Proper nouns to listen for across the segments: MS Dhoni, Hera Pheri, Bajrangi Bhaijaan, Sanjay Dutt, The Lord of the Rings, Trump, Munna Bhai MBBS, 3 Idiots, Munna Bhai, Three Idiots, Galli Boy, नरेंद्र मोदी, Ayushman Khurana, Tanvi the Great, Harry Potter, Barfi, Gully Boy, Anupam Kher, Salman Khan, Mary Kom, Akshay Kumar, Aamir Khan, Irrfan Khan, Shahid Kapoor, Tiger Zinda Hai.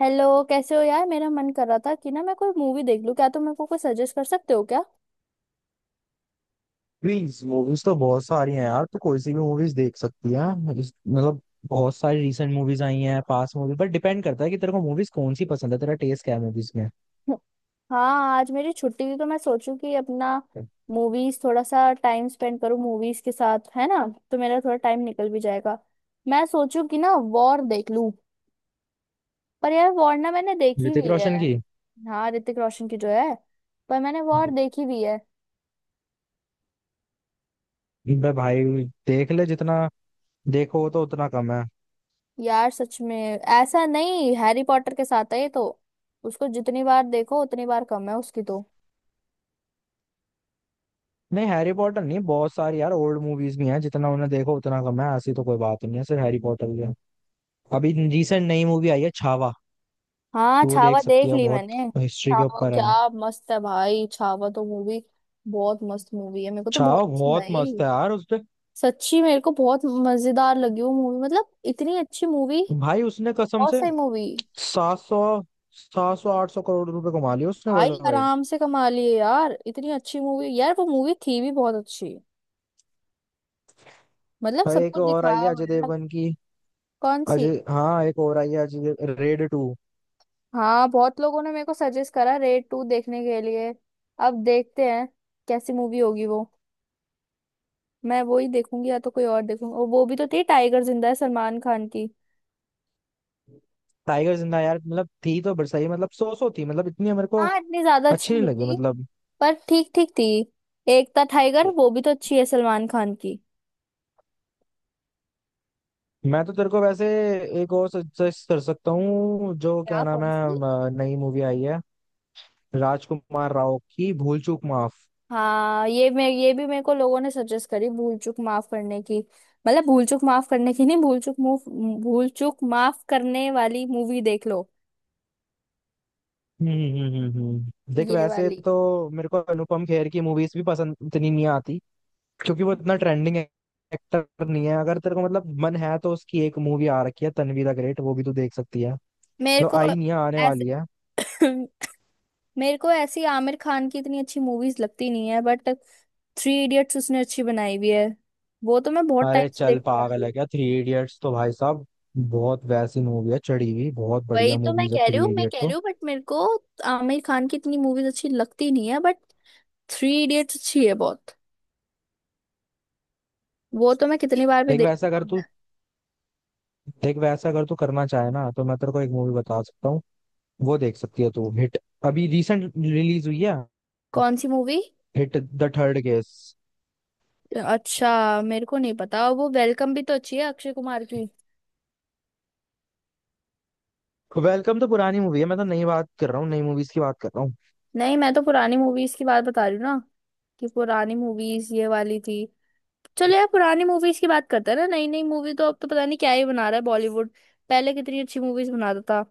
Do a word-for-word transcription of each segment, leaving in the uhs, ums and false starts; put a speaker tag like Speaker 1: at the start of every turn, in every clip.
Speaker 1: Hello. कैसे हो यार? मेरा मन कर रहा था कि ना मैं कोई मूवी देख लूं। क्या तुम मेरे को कोई सजेस्ट कर सकते हो क्या?
Speaker 2: मूवीज मूवीज तो बहुत सारी हैं यार। तो कोई सी भी मूवीज देख सकती है। इस- मतलब बहुत सारी रिसेंट मूवीज आई हैं। पास मूवी पर डिपेंड करता है कि तेरे को मूवीज कौन सी पसंद है, तेरा टेस्ट क्या है मूवीज में।
Speaker 1: हाँ, आज मेरी छुट्टी थी, तो मैं सोचूं कि अपना मूवीज थोड़ा सा टाइम स्पेंड करूं मूवीज के साथ, है ना। तो मेरा थोड़ा टाइम निकल भी जाएगा। मैं सोचूं कि ना वॉर देख लूं, पर यार वॉर ना मैंने देखी
Speaker 2: ऋतिक
Speaker 1: हुई है।
Speaker 2: रोशन की।
Speaker 1: हाँ, ऋतिक रोशन की जो है, पर मैंने वॉर देखी हुई है।
Speaker 2: बे भाई, देख ले। जितना देखो तो उतना कम है।
Speaker 1: यार सच में ऐसा नहीं, हैरी पॉटर के साथ है ये तो, उसको जितनी बार देखो उतनी बार कम है उसकी तो।
Speaker 2: नहीं, हैरी पॉटर नहीं, बहुत सारी यार ओल्ड मूवीज भी हैं जितना उन्हें देखो उतना कम है। ऐसी तो कोई बात नहीं है, सिर्फ हैरी पॉटर ही है। अभी रिसेंट नई मूवी आई है छावा।
Speaker 1: हाँ,
Speaker 2: तो वो देख
Speaker 1: छावा
Speaker 2: सकती
Speaker 1: देख
Speaker 2: है।
Speaker 1: ली
Speaker 2: बहुत
Speaker 1: मैंने।
Speaker 2: हिस्ट्री के
Speaker 1: छावा
Speaker 2: ऊपर है।
Speaker 1: क्या मस्त है भाई, छावा तो मूवी बहुत मस्त मूवी है, मेरे को तो बहुत
Speaker 2: छावा
Speaker 1: पसंद
Speaker 2: बहुत मस्त
Speaker 1: आई।
Speaker 2: है यार। उसने,
Speaker 1: सच्ची मेरे को बहुत मजेदार लगी वो मूवी, मतलब इतनी अच्छी मूवी,
Speaker 2: भाई उसने कसम
Speaker 1: बहुत
Speaker 2: से
Speaker 1: सही मूवी।
Speaker 2: सात सौ सात सौ आठ सौ करोड़ रुपए कमा लिए उसने
Speaker 1: आई
Speaker 2: वर्ल्ड वाइड।
Speaker 1: आराम से कमा लिए यार, इतनी अच्छी मूवी, यार वो मूवी थी भी बहुत अच्छी। मतलब
Speaker 2: भाई
Speaker 1: सब
Speaker 2: एक
Speaker 1: कुछ
Speaker 2: और आई
Speaker 1: दिखाया
Speaker 2: है
Speaker 1: हुआ
Speaker 2: अजय
Speaker 1: है यार।
Speaker 2: देवगन की।
Speaker 1: कौन सी?
Speaker 2: अजय, हाँ एक और आई है, अजय देव- रेड टू।
Speaker 1: हाँ, बहुत लोगों ने मेरे को सजेस्ट करा रेड टू देखने के लिए। अब देखते हैं कैसी मूवी होगी वो। मैं वो ही देखूंगी या तो कोई और देखूंगी। और वो भी तो थी टाइगर जिंदा है, सलमान खान की।
Speaker 2: टाइगर जिंदा है यार, मतलब थी तो बट सही, मतलब सो सो थी, मतलब इतनी मेरे को
Speaker 1: हाँ इतनी ज्यादा
Speaker 2: अच्छी
Speaker 1: अच्छी
Speaker 2: नहीं
Speaker 1: नहीं
Speaker 2: लगी
Speaker 1: थी,
Speaker 2: मतलब।
Speaker 1: पर ठीक ठीक थी। एक था टाइगर वो भी तो अच्छी है, सलमान खान की।
Speaker 2: मैं तो तेरे को वैसे एक और सजेस्ट कर सकता हूँ। जो, क्या
Speaker 1: क्या?
Speaker 2: नाम
Speaker 1: कौन
Speaker 2: है,
Speaker 1: सी?
Speaker 2: अ, नई मूवी आई है राजकुमार राव की, भूल चूक माफ।
Speaker 1: हाँ, ये मैं ये भी मेरे को लोगों ने सजेस्ट करी भूल चूक माफ करने की। मतलब भूल चूक माफ करने की नहीं, भूल चूक मूव, भूल चूक माफ करने वाली मूवी देख लो
Speaker 2: हम्म हम्म हम्म हम्म। देख,
Speaker 1: ये
Speaker 2: वैसे
Speaker 1: वाली।
Speaker 2: तो मेरे को अनुपम खेर की मूवीज भी पसंद इतनी नहीं आती क्योंकि वो इतना ट्रेंडिंग एक्टर नहीं है। अगर तेरे को मतलब मन है तो उसकी एक मूवी आ रखी है, तन्वी द ग्रेट, वो भी तू देख सकती है।
Speaker 1: मेरे
Speaker 2: मतलब
Speaker 1: को
Speaker 2: आई नहीं है, आने
Speaker 1: ऐसे
Speaker 2: वाली है।
Speaker 1: मेरे को ऐसी आमिर खान की इतनी अच्छी मूवीज लगती नहीं है, बट थ्री इडियट्स उसने अच्छी बनाई हुई है। वो तो मैं बहुत
Speaker 2: अरे
Speaker 1: टाइम से
Speaker 2: चल,
Speaker 1: देखती आ रही
Speaker 2: पागल है
Speaker 1: हूँ।
Speaker 2: क्या, थ्री इडियट्स तो भाई साहब बहुत वैसी मूवी है, चढ़ी हुई, बहुत
Speaker 1: वही
Speaker 2: बढ़िया
Speaker 1: तो मैं
Speaker 2: मूवीज है
Speaker 1: कह रही हूँ,
Speaker 2: थ्री
Speaker 1: मैं
Speaker 2: इडियट
Speaker 1: कह रही
Speaker 2: तो।
Speaker 1: हूँ, बट मेरे को आमिर खान की इतनी मूवीज अच्छी लगती नहीं है, बट थ्री इडियट्स अच्छी है बहुत। वो तो मैं कितनी बार भी
Speaker 2: देख
Speaker 1: देखती
Speaker 2: वैसा अगर
Speaker 1: हूँ।
Speaker 2: तू देख वैसा, अगर तू करना चाहे ना तो मैं तेरे को एक मूवी बता सकता हूँ, वो देख सकती है तू। हिट अभी रिसेंट रिलीज हुई है,
Speaker 1: कौन सी movie?
Speaker 2: Hit the third case.
Speaker 1: अच्छा, मेरे को नहीं पता। वो वेलकम भी तो अच्छी है, अक्षय कुमार की।
Speaker 2: वेलकम तो पुरानी मूवी है, मैं तो नई बात कर रहा हूँ, नई मूवीज की बात कर रहा हूँ।
Speaker 1: नहीं मैं तो पुरानी मूवीज की बात बता रही हूँ ना, कि पुरानी मूवीज ये वाली थी। चलो यार पुरानी मूवीज की बात करते हैं ना, नई नई मूवी तो अब तो पता नहीं क्या ही बना रहा है बॉलीवुड। पहले कितनी अच्छी मूवीज बनाता था,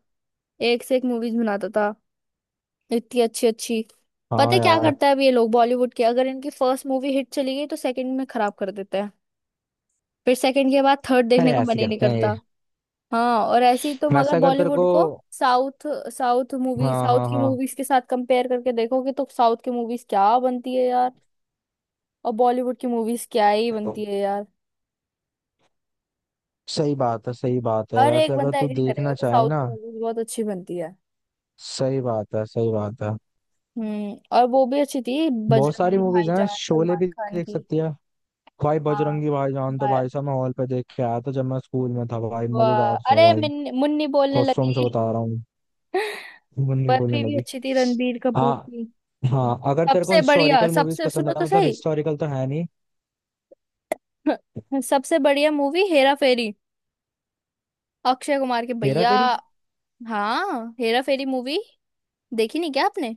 Speaker 1: एक से एक मूवीज बनाता था, इतनी अच्छी अच्छी। पता
Speaker 2: हाँ
Speaker 1: है क्या
Speaker 2: यार।
Speaker 1: करता है अब ये लोग बॉलीवुड के? अगर इनकी फर्स्ट मूवी हिट चली गई तो सेकंड में खराब कर देते हैं। फिर सेकंड के बाद थर्ड
Speaker 2: अरे
Speaker 1: देखने का मन
Speaker 2: ऐसे ही
Speaker 1: ही नहीं
Speaker 2: करते हैं
Speaker 1: करता।
Speaker 2: ये।
Speaker 1: हाँ, और ऐसे ही तुम अगर
Speaker 2: वैसे अगर तेरे को।
Speaker 1: बॉलीवुड को साउथ साउथ मूवी
Speaker 2: हाँ
Speaker 1: साउथ
Speaker 2: हाँ
Speaker 1: की
Speaker 2: हाँ।
Speaker 1: मूवीज के साथ कंपेयर करके देखोगे तो साउथ की मूवीज क्या बनती है यार। और बॉलीवुड की मूवीज क्या ही बनती है यार।
Speaker 2: सही बात है, सही बात है।
Speaker 1: हर
Speaker 2: वैसे
Speaker 1: एक
Speaker 2: अगर
Speaker 1: बंदा
Speaker 2: तू
Speaker 1: एग्री करेगा
Speaker 2: देखना
Speaker 1: कि
Speaker 2: चाहे
Speaker 1: साउथ
Speaker 2: ना।
Speaker 1: की मूवीज बहुत अच्छी बनती है।
Speaker 2: सही बात है, सही बात है।
Speaker 1: हम्म। और वो भी अच्छी थी
Speaker 2: बहुत सारी
Speaker 1: बजरंगी
Speaker 2: मूवीज हैं,
Speaker 1: भाईजान,
Speaker 2: शोले
Speaker 1: सलमान
Speaker 2: भी
Speaker 1: खान
Speaker 2: देख
Speaker 1: की।
Speaker 2: सकती है। भाई
Speaker 1: हाँ,
Speaker 2: बजरंगी भाईजान तो भाई साहब मैं हॉल पे देख के आया था जब मैं स्कूल में था। भाई
Speaker 1: वाह,
Speaker 2: मजेदार था
Speaker 1: अरे
Speaker 2: भाई,
Speaker 1: मिन- मुन्नी बोलने
Speaker 2: कसम से
Speaker 1: लगी।
Speaker 2: बता रहा हूँ। मुन्नी बोलने
Speaker 1: बर्फी भी
Speaker 2: लगी।
Speaker 1: अच्छी थी, रणबीर कपूर
Speaker 2: हाँ।
Speaker 1: की।
Speaker 2: हाँ अगर तेरे को
Speaker 1: सबसे बढ़िया,
Speaker 2: हिस्टोरिकल मूवीज
Speaker 1: सबसे,
Speaker 2: पसंद
Speaker 1: सुनो
Speaker 2: है,
Speaker 1: तो
Speaker 2: मतलब
Speaker 1: सही।
Speaker 2: हिस्टोरिकल तो है नहीं।
Speaker 1: सबसे बढ़िया मूवी हेरा फेरी, अक्षय कुमार के
Speaker 2: हेरा
Speaker 1: भैया।
Speaker 2: फेरी
Speaker 1: हाँ हेरा फेरी मूवी, देखी नहीं क्या आपने?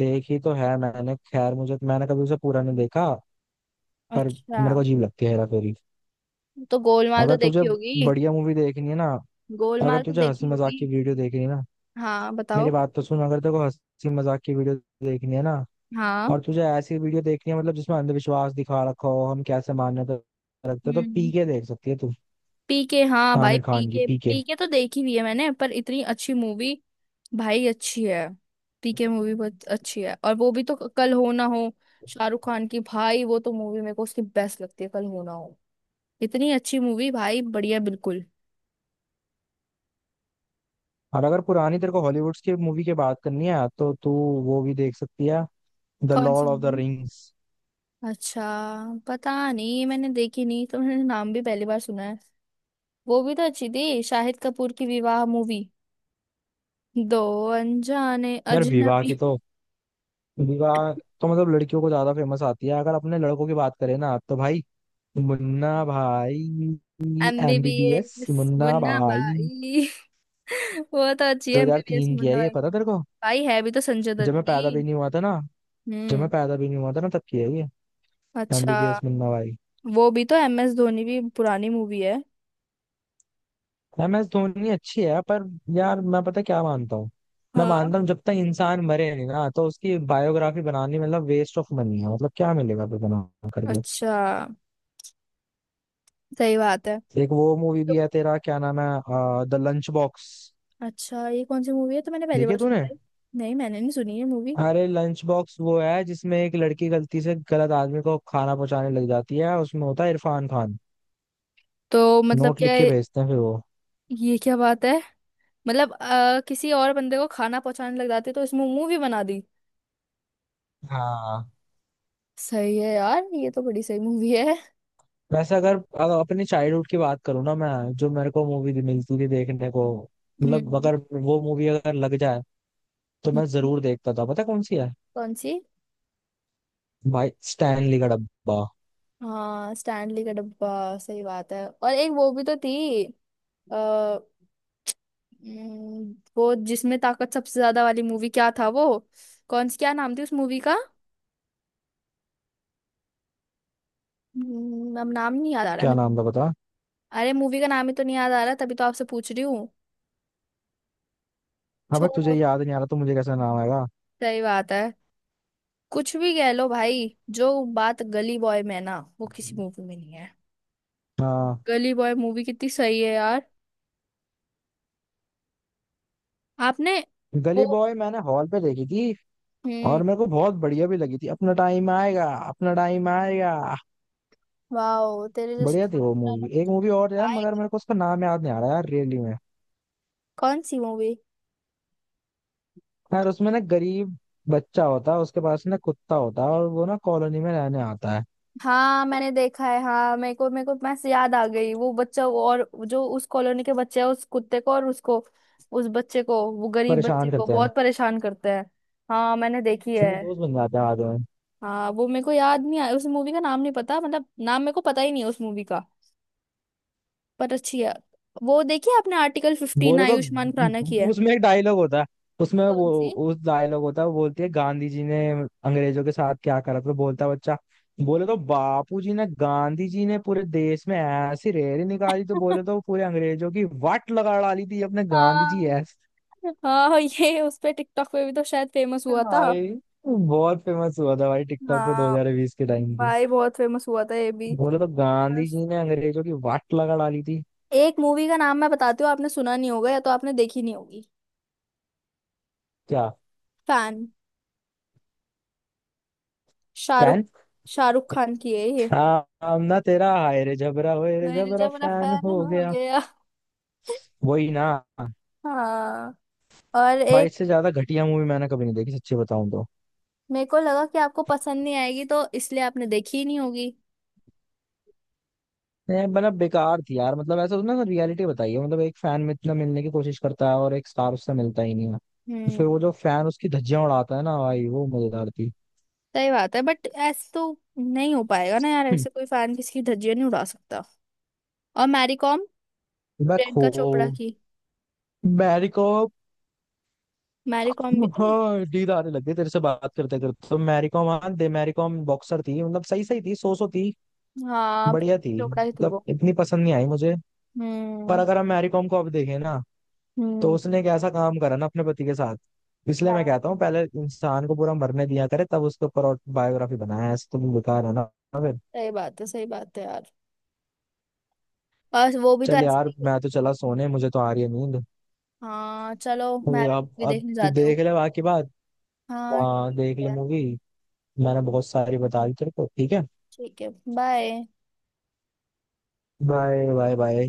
Speaker 2: देखी तो है मैंने, खैर मुझे मैंने कभी उसे पूरा नहीं देखा। पर
Speaker 1: अच्छा,
Speaker 2: मेरे को अजीब लगती है हेरा फेरी।
Speaker 1: तो गोलमाल तो
Speaker 2: अगर तुझे
Speaker 1: देखी होगी।
Speaker 2: बढ़िया मूवी देखनी है ना, अगर
Speaker 1: गोलमाल तो
Speaker 2: तुझे हंसी
Speaker 1: देखी
Speaker 2: मजाक
Speaker 1: होगी।
Speaker 2: की वीडियो देखनी है ना,
Speaker 1: हाँ
Speaker 2: मेरी
Speaker 1: बताओ।
Speaker 2: बात तो सुन, अगर तेरे को हंसी मजाक की वीडियो देखनी है ना,
Speaker 1: हाँ।
Speaker 2: और तुझे ऐसी वीडियो देखनी है मतलब जिसमें अंधविश्वास दिखा रखा हो, हम कैसे मान्यता रखते हैं, तो
Speaker 1: हम्म।
Speaker 2: पीके देख सकती है तू।
Speaker 1: पीके, हाँ भाई
Speaker 2: आमिर खान की
Speaker 1: पीके
Speaker 2: पीके।
Speaker 1: पीके तो देखी हुई है मैंने, पर इतनी अच्छी मूवी, भाई अच्छी है। पीके मूवी बहुत अच्छी है। और वो भी तो कल हो ना हो, शाहरुख खान की। भाई वो तो मूवी मेरे को उसकी बेस्ट लगती है, कल हो ना हो। इतनी अच्छी मूवी, भाई बढ़िया बिल्कुल।
Speaker 2: और अगर पुरानी तेरे को हॉलीवुड की मूवी की बात करनी है तो तू वो भी देख सकती है, द
Speaker 1: कौन सी
Speaker 2: lord of the
Speaker 1: movie?
Speaker 2: Rings.
Speaker 1: अच्छा, पता नहीं मैंने देखी नहीं, तो मैंने नाम भी पहली बार सुना है। वो भी तो अच्छी थी, शाहिद कपूर की विवाह मूवी। दो अनजाने
Speaker 2: यार विवाह की
Speaker 1: अजनबी।
Speaker 2: तो विवाह तो मतलब लड़कियों को ज्यादा फेमस आती है। अगर अपने लड़कों की बात करें ना तो भाई, मुन्ना भाई एमबीबीएस
Speaker 1: एमबीबीएस
Speaker 2: मुन्ना
Speaker 1: मुन्ना
Speaker 2: भाई।
Speaker 1: भाई। वो तो अच्छी है एमबीबीएस
Speaker 2: दो हज़ार तीन की
Speaker 1: मुंडा
Speaker 2: है ये,
Speaker 1: भाई।
Speaker 2: पता तेरे को?
Speaker 1: भाई है भी तो संजय दत्त
Speaker 2: जब मैं पैदा भी
Speaker 1: की।
Speaker 2: नहीं हुआ था ना, जब मैं
Speaker 1: हम्म।
Speaker 2: पैदा भी नहीं हुआ था ना, तब की है ये।
Speaker 1: अच्छा।
Speaker 2: एमबीबीएस मुन्ना भाई।
Speaker 1: वो भी तो एम एस धोनी भी पुरानी मूवी है।
Speaker 2: एम एस धोनी अच्छी है पर यार मैं पता क्या मानता हूँ, मैं
Speaker 1: हाँ।
Speaker 2: मानता हूँ जब तक इंसान मरे नहीं ना तो उसकी बायोग्राफी बनानी मतलब वेस्ट ऑफ मनी है। मतलब क्या मिलेगा फिर बना करके।
Speaker 1: अच्छा। सही बात है।
Speaker 2: एक वो मूवी
Speaker 1: तो
Speaker 2: भी है तेरा, क्या नाम है, द लंच बॉक्स।
Speaker 1: अच्छा, ये कौन सी मूवी है तो? मैंने पहली
Speaker 2: देखिए
Speaker 1: बार सुनी
Speaker 2: तूने।
Speaker 1: भाई, नहीं मैंने नहीं सुनी है मूवी।
Speaker 2: अरे लंच बॉक्स वो है जिसमें एक लड़की गलती से गलत आदमी को खाना पहुंचाने लग जाती है, उसमें होता है इरफान खान।
Speaker 1: तो मतलब
Speaker 2: नोट
Speaker 1: क्या
Speaker 2: लिख के
Speaker 1: है?
Speaker 2: भेजते हैं फिर वो।
Speaker 1: ये क्या बात है? मतलब अ, किसी और बंदे को खाना पहुंचाने लग जाते तो इसमें मूवी बना दी।
Speaker 2: हाँ।
Speaker 1: सही है यार, ये तो बड़ी सही मूवी है।
Speaker 2: वैसे अगर, अगर अपनी चाइल्डहुड की बात करूँ ना मैं, जो मेरे को मूवी मिलती थी देखने को, मतलब
Speaker 1: हम्म।
Speaker 2: अगर वो मूवी अगर लग जाए तो मैं
Speaker 1: हम्म।
Speaker 2: जरूर देखता था, पता है कौन सी है,
Speaker 1: कौन सी?
Speaker 2: भाई, स्टैनली का डब्बा।
Speaker 1: हाँ स्टैनली का डब्बा, सही बात है। और एक वो भी तो थी, आ, वो जिसमें ताकत सबसे ज्यादा वाली मूवी, क्या था वो? कौन सी, क्या नाम थी उस मूवी का? हम्म, अब नाम नहीं याद आ रहा है
Speaker 2: क्या
Speaker 1: मेरे
Speaker 2: नाम
Speaker 1: को।
Speaker 2: था पता।
Speaker 1: अरे मूवी का नाम ही तो नहीं याद आ रहा, तभी तो आपसे पूछ रही हूँ।
Speaker 2: अबे तुझे
Speaker 1: छोड़ो।
Speaker 2: याद नहीं आ रहा तो मुझे कैसे नाम आएगा।
Speaker 1: सही बात है। कुछ भी कह लो भाई, जो बात गली बॉय में है ना वो किसी मूवी में नहीं है।
Speaker 2: हाँ।
Speaker 1: गली बॉय मूवी कितनी सही है यार। आपने?
Speaker 2: गली
Speaker 1: वो।
Speaker 2: बॉय मैंने हॉल पे देखी थी
Speaker 1: हम्म।
Speaker 2: और मेरे को बहुत बढ़िया भी लगी थी। अपना टाइम आएगा, अपना टाइम आएगा।
Speaker 1: वाओ, तेरे जैसे
Speaker 2: बढ़िया थी वो
Speaker 1: सामने वाला
Speaker 2: मूवी। एक मूवी और यार, मगर
Speaker 1: पाएगा।
Speaker 2: मेरे को उसका नाम याद नहीं आ रहा यार, रियली में।
Speaker 1: कौन सी मूवी?
Speaker 2: यार उसमें ना गरीब बच्चा होता है, उसके पास ना कुत्ता होता है और वो ना कॉलोनी में रहने आता है।
Speaker 1: हाँ मैंने देखा है। हाँ, मेरे को मेरे को मैं से याद आ गई, वो बच्चा, वो और जो उस कॉलोनी के बच्चे हैं, उस कुत्ते को और उसको, उस बच्चे को, वो गरीब बच्चे
Speaker 2: परेशान
Speaker 1: को
Speaker 2: करते हैं।
Speaker 1: बहुत परेशान करते हैं। हाँ मैंने देखी
Speaker 2: फिर वो
Speaker 1: है।
Speaker 2: दोस्त बन जाते हैं बाद में।
Speaker 1: हाँ वो मेरे को याद नहीं आया, उस मूवी का नाम नहीं पता, मतलब नाम मेरे को पता ही नहीं है उस मूवी का, पर अच्छी है। वो देखी है आपने आर्टिकल फिफ्टीन?
Speaker 2: बोलो
Speaker 1: आयुष्मान खुराना की
Speaker 2: तो
Speaker 1: है।
Speaker 2: उसमें एक डायलॉग होता है, उसमें वो,
Speaker 1: कौन सी?
Speaker 2: उस डायलॉग होता है, वो बोलती है, गांधी जी ने अंग्रेजों के साथ क्या करा था? तो बोलता है बच्चा, बोले तो बापू जी ने, गांधी जी ने पूरे देश में ऐसी रैली निकाली, तो बोले तो पूरे अंग्रेजों की वाट लगा डाली थी अपने गांधी जी
Speaker 1: हाँ।
Speaker 2: ऐसे।
Speaker 1: हाँ ये उस पे टिकटॉक पे भी तो शायद फेमस हुआ था।
Speaker 2: भाई बहुत फेमस हुआ था भाई, टिकटॉक पे
Speaker 1: हाँ
Speaker 2: दो हज़ार बीस के टाइम पे।
Speaker 1: भाई, बहुत फेमस हुआ था ये भी।
Speaker 2: बोले तो गांधी जी ने अंग्रेजों की वाट लगा डाली थी।
Speaker 1: एक मूवी का नाम मैं बताती हूँ, आपने सुना नहीं होगा या तो आपने देखी नहीं होगी।
Speaker 2: क्या।
Speaker 1: Fan, Shahrukh
Speaker 2: fan.
Speaker 1: शाहरुख खान की है ये।
Speaker 2: हाँ, हम ना, तेरा हाय रे जबरा, होए रे
Speaker 1: मेरे
Speaker 2: जबरा
Speaker 1: जब मेरा
Speaker 2: फैन
Speaker 1: फैन
Speaker 2: हो
Speaker 1: हो
Speaker 2: गया।
Speaker 1: गया।
Speaker 2: वही ना।
Speaker 1: हाँ और
Speaker 2: भाई
Speaker 1: एक,
Speaker 2: इससे ज्यादा घटिया मूवी मैंने कभी नहीं देखी सच्ची बताऊं तो।
Speaker 1: मेरे को लगा कि आपको पसंद नहीं आएगी तो इसलिए आपने देखी ही नहीं होगी।
Speaker 2: ये मतलब बेकार थी यार। मतलब ऐसा ना रियलिटी बताई है, मतलब एक फैन में इतना मिलने की कोशिश करता है और एक स्टार उससे मिलता ही नहीं है, तो
Speaker 1: हम्म।
Speaker 2: फिर वो जो फैन उसकी धज्जियां उड़ाता है ना भाई, वो मजेदार थी।
Speaker 1: सही बात है, बट ऐसे तो नहीं हो पाएगा ना यार, ऐसे कोई फैन किसी की धज्जियां नहीं उड़ा सकता। और मैरी कॉम,
Speaker 2: मैं खो।
Speaker 1: प्रियंका चोपड़ा की,
Speaker 2: मैरी कॉम।
Speaker 1: मैरी कॉम भी तो।
Speaker 2: हाँ नींद आने लग गई तेरे से बात करते करते। तो मैरी कॉम, हाँ, दे मैरी कॉम बॉक्सर थी मतलब, सही सही थी, सो सो थी।
Speaker 1: हाँ, प्रियंका
Speaker 2: बढ़िया थी
Speaker 1: चोपड़ा की थी
Speaker 2: मतलब
Speaker 1: वो।
Speaker 2: इतनी पसंद नहीं आई मुझे। पर
Speaker 1: हम्म।
Speaker 2: अगर हम मैरी कॉम को अब देखें ना, तो
Speaker 1: हम्म।
Speaker 2: उसने एक ऐसा काम करा ना अपने पति के साथ, इसलिए मैं
Speaker 1: क्या?
Speaker 2: कहता हूँ पहले इंसान को पूरा मरने दिया करे तब उसके ऊपर बायोग्राफी बनाया, ऐसे तो बेकार है ना। फिर।
Speaker 1: सही बात है, सही बात है यार। बस वो भी तो
Speaker 2: चल
Speaker 1: ऐसे
Speaker 2: यार,
Speaker 1: ही।
Speaker 2: मैं तो चला सोने, मुझे तो आ रही है नींद।
Speaker 1: हाँ चलो,
Speaker 2: तो
Speaker 1: मैं भी
Speaker 2: अब
Speaker 1: मूवी
Speaker 2: अब
Speaker 1: देखने
Speaker 2: तू
Speaker 1: जाती हूँ।
Speaker 2: देख ले बाकी बात।
Speaker 1: हाँ।
Speaker 2: हाँ देख ले मूवी। मैंने बहुत सारी बता दी तेरे को, ठीक है।
Speaker 1: ठीक है। बाय।
Speaker 2: Bye bye bye.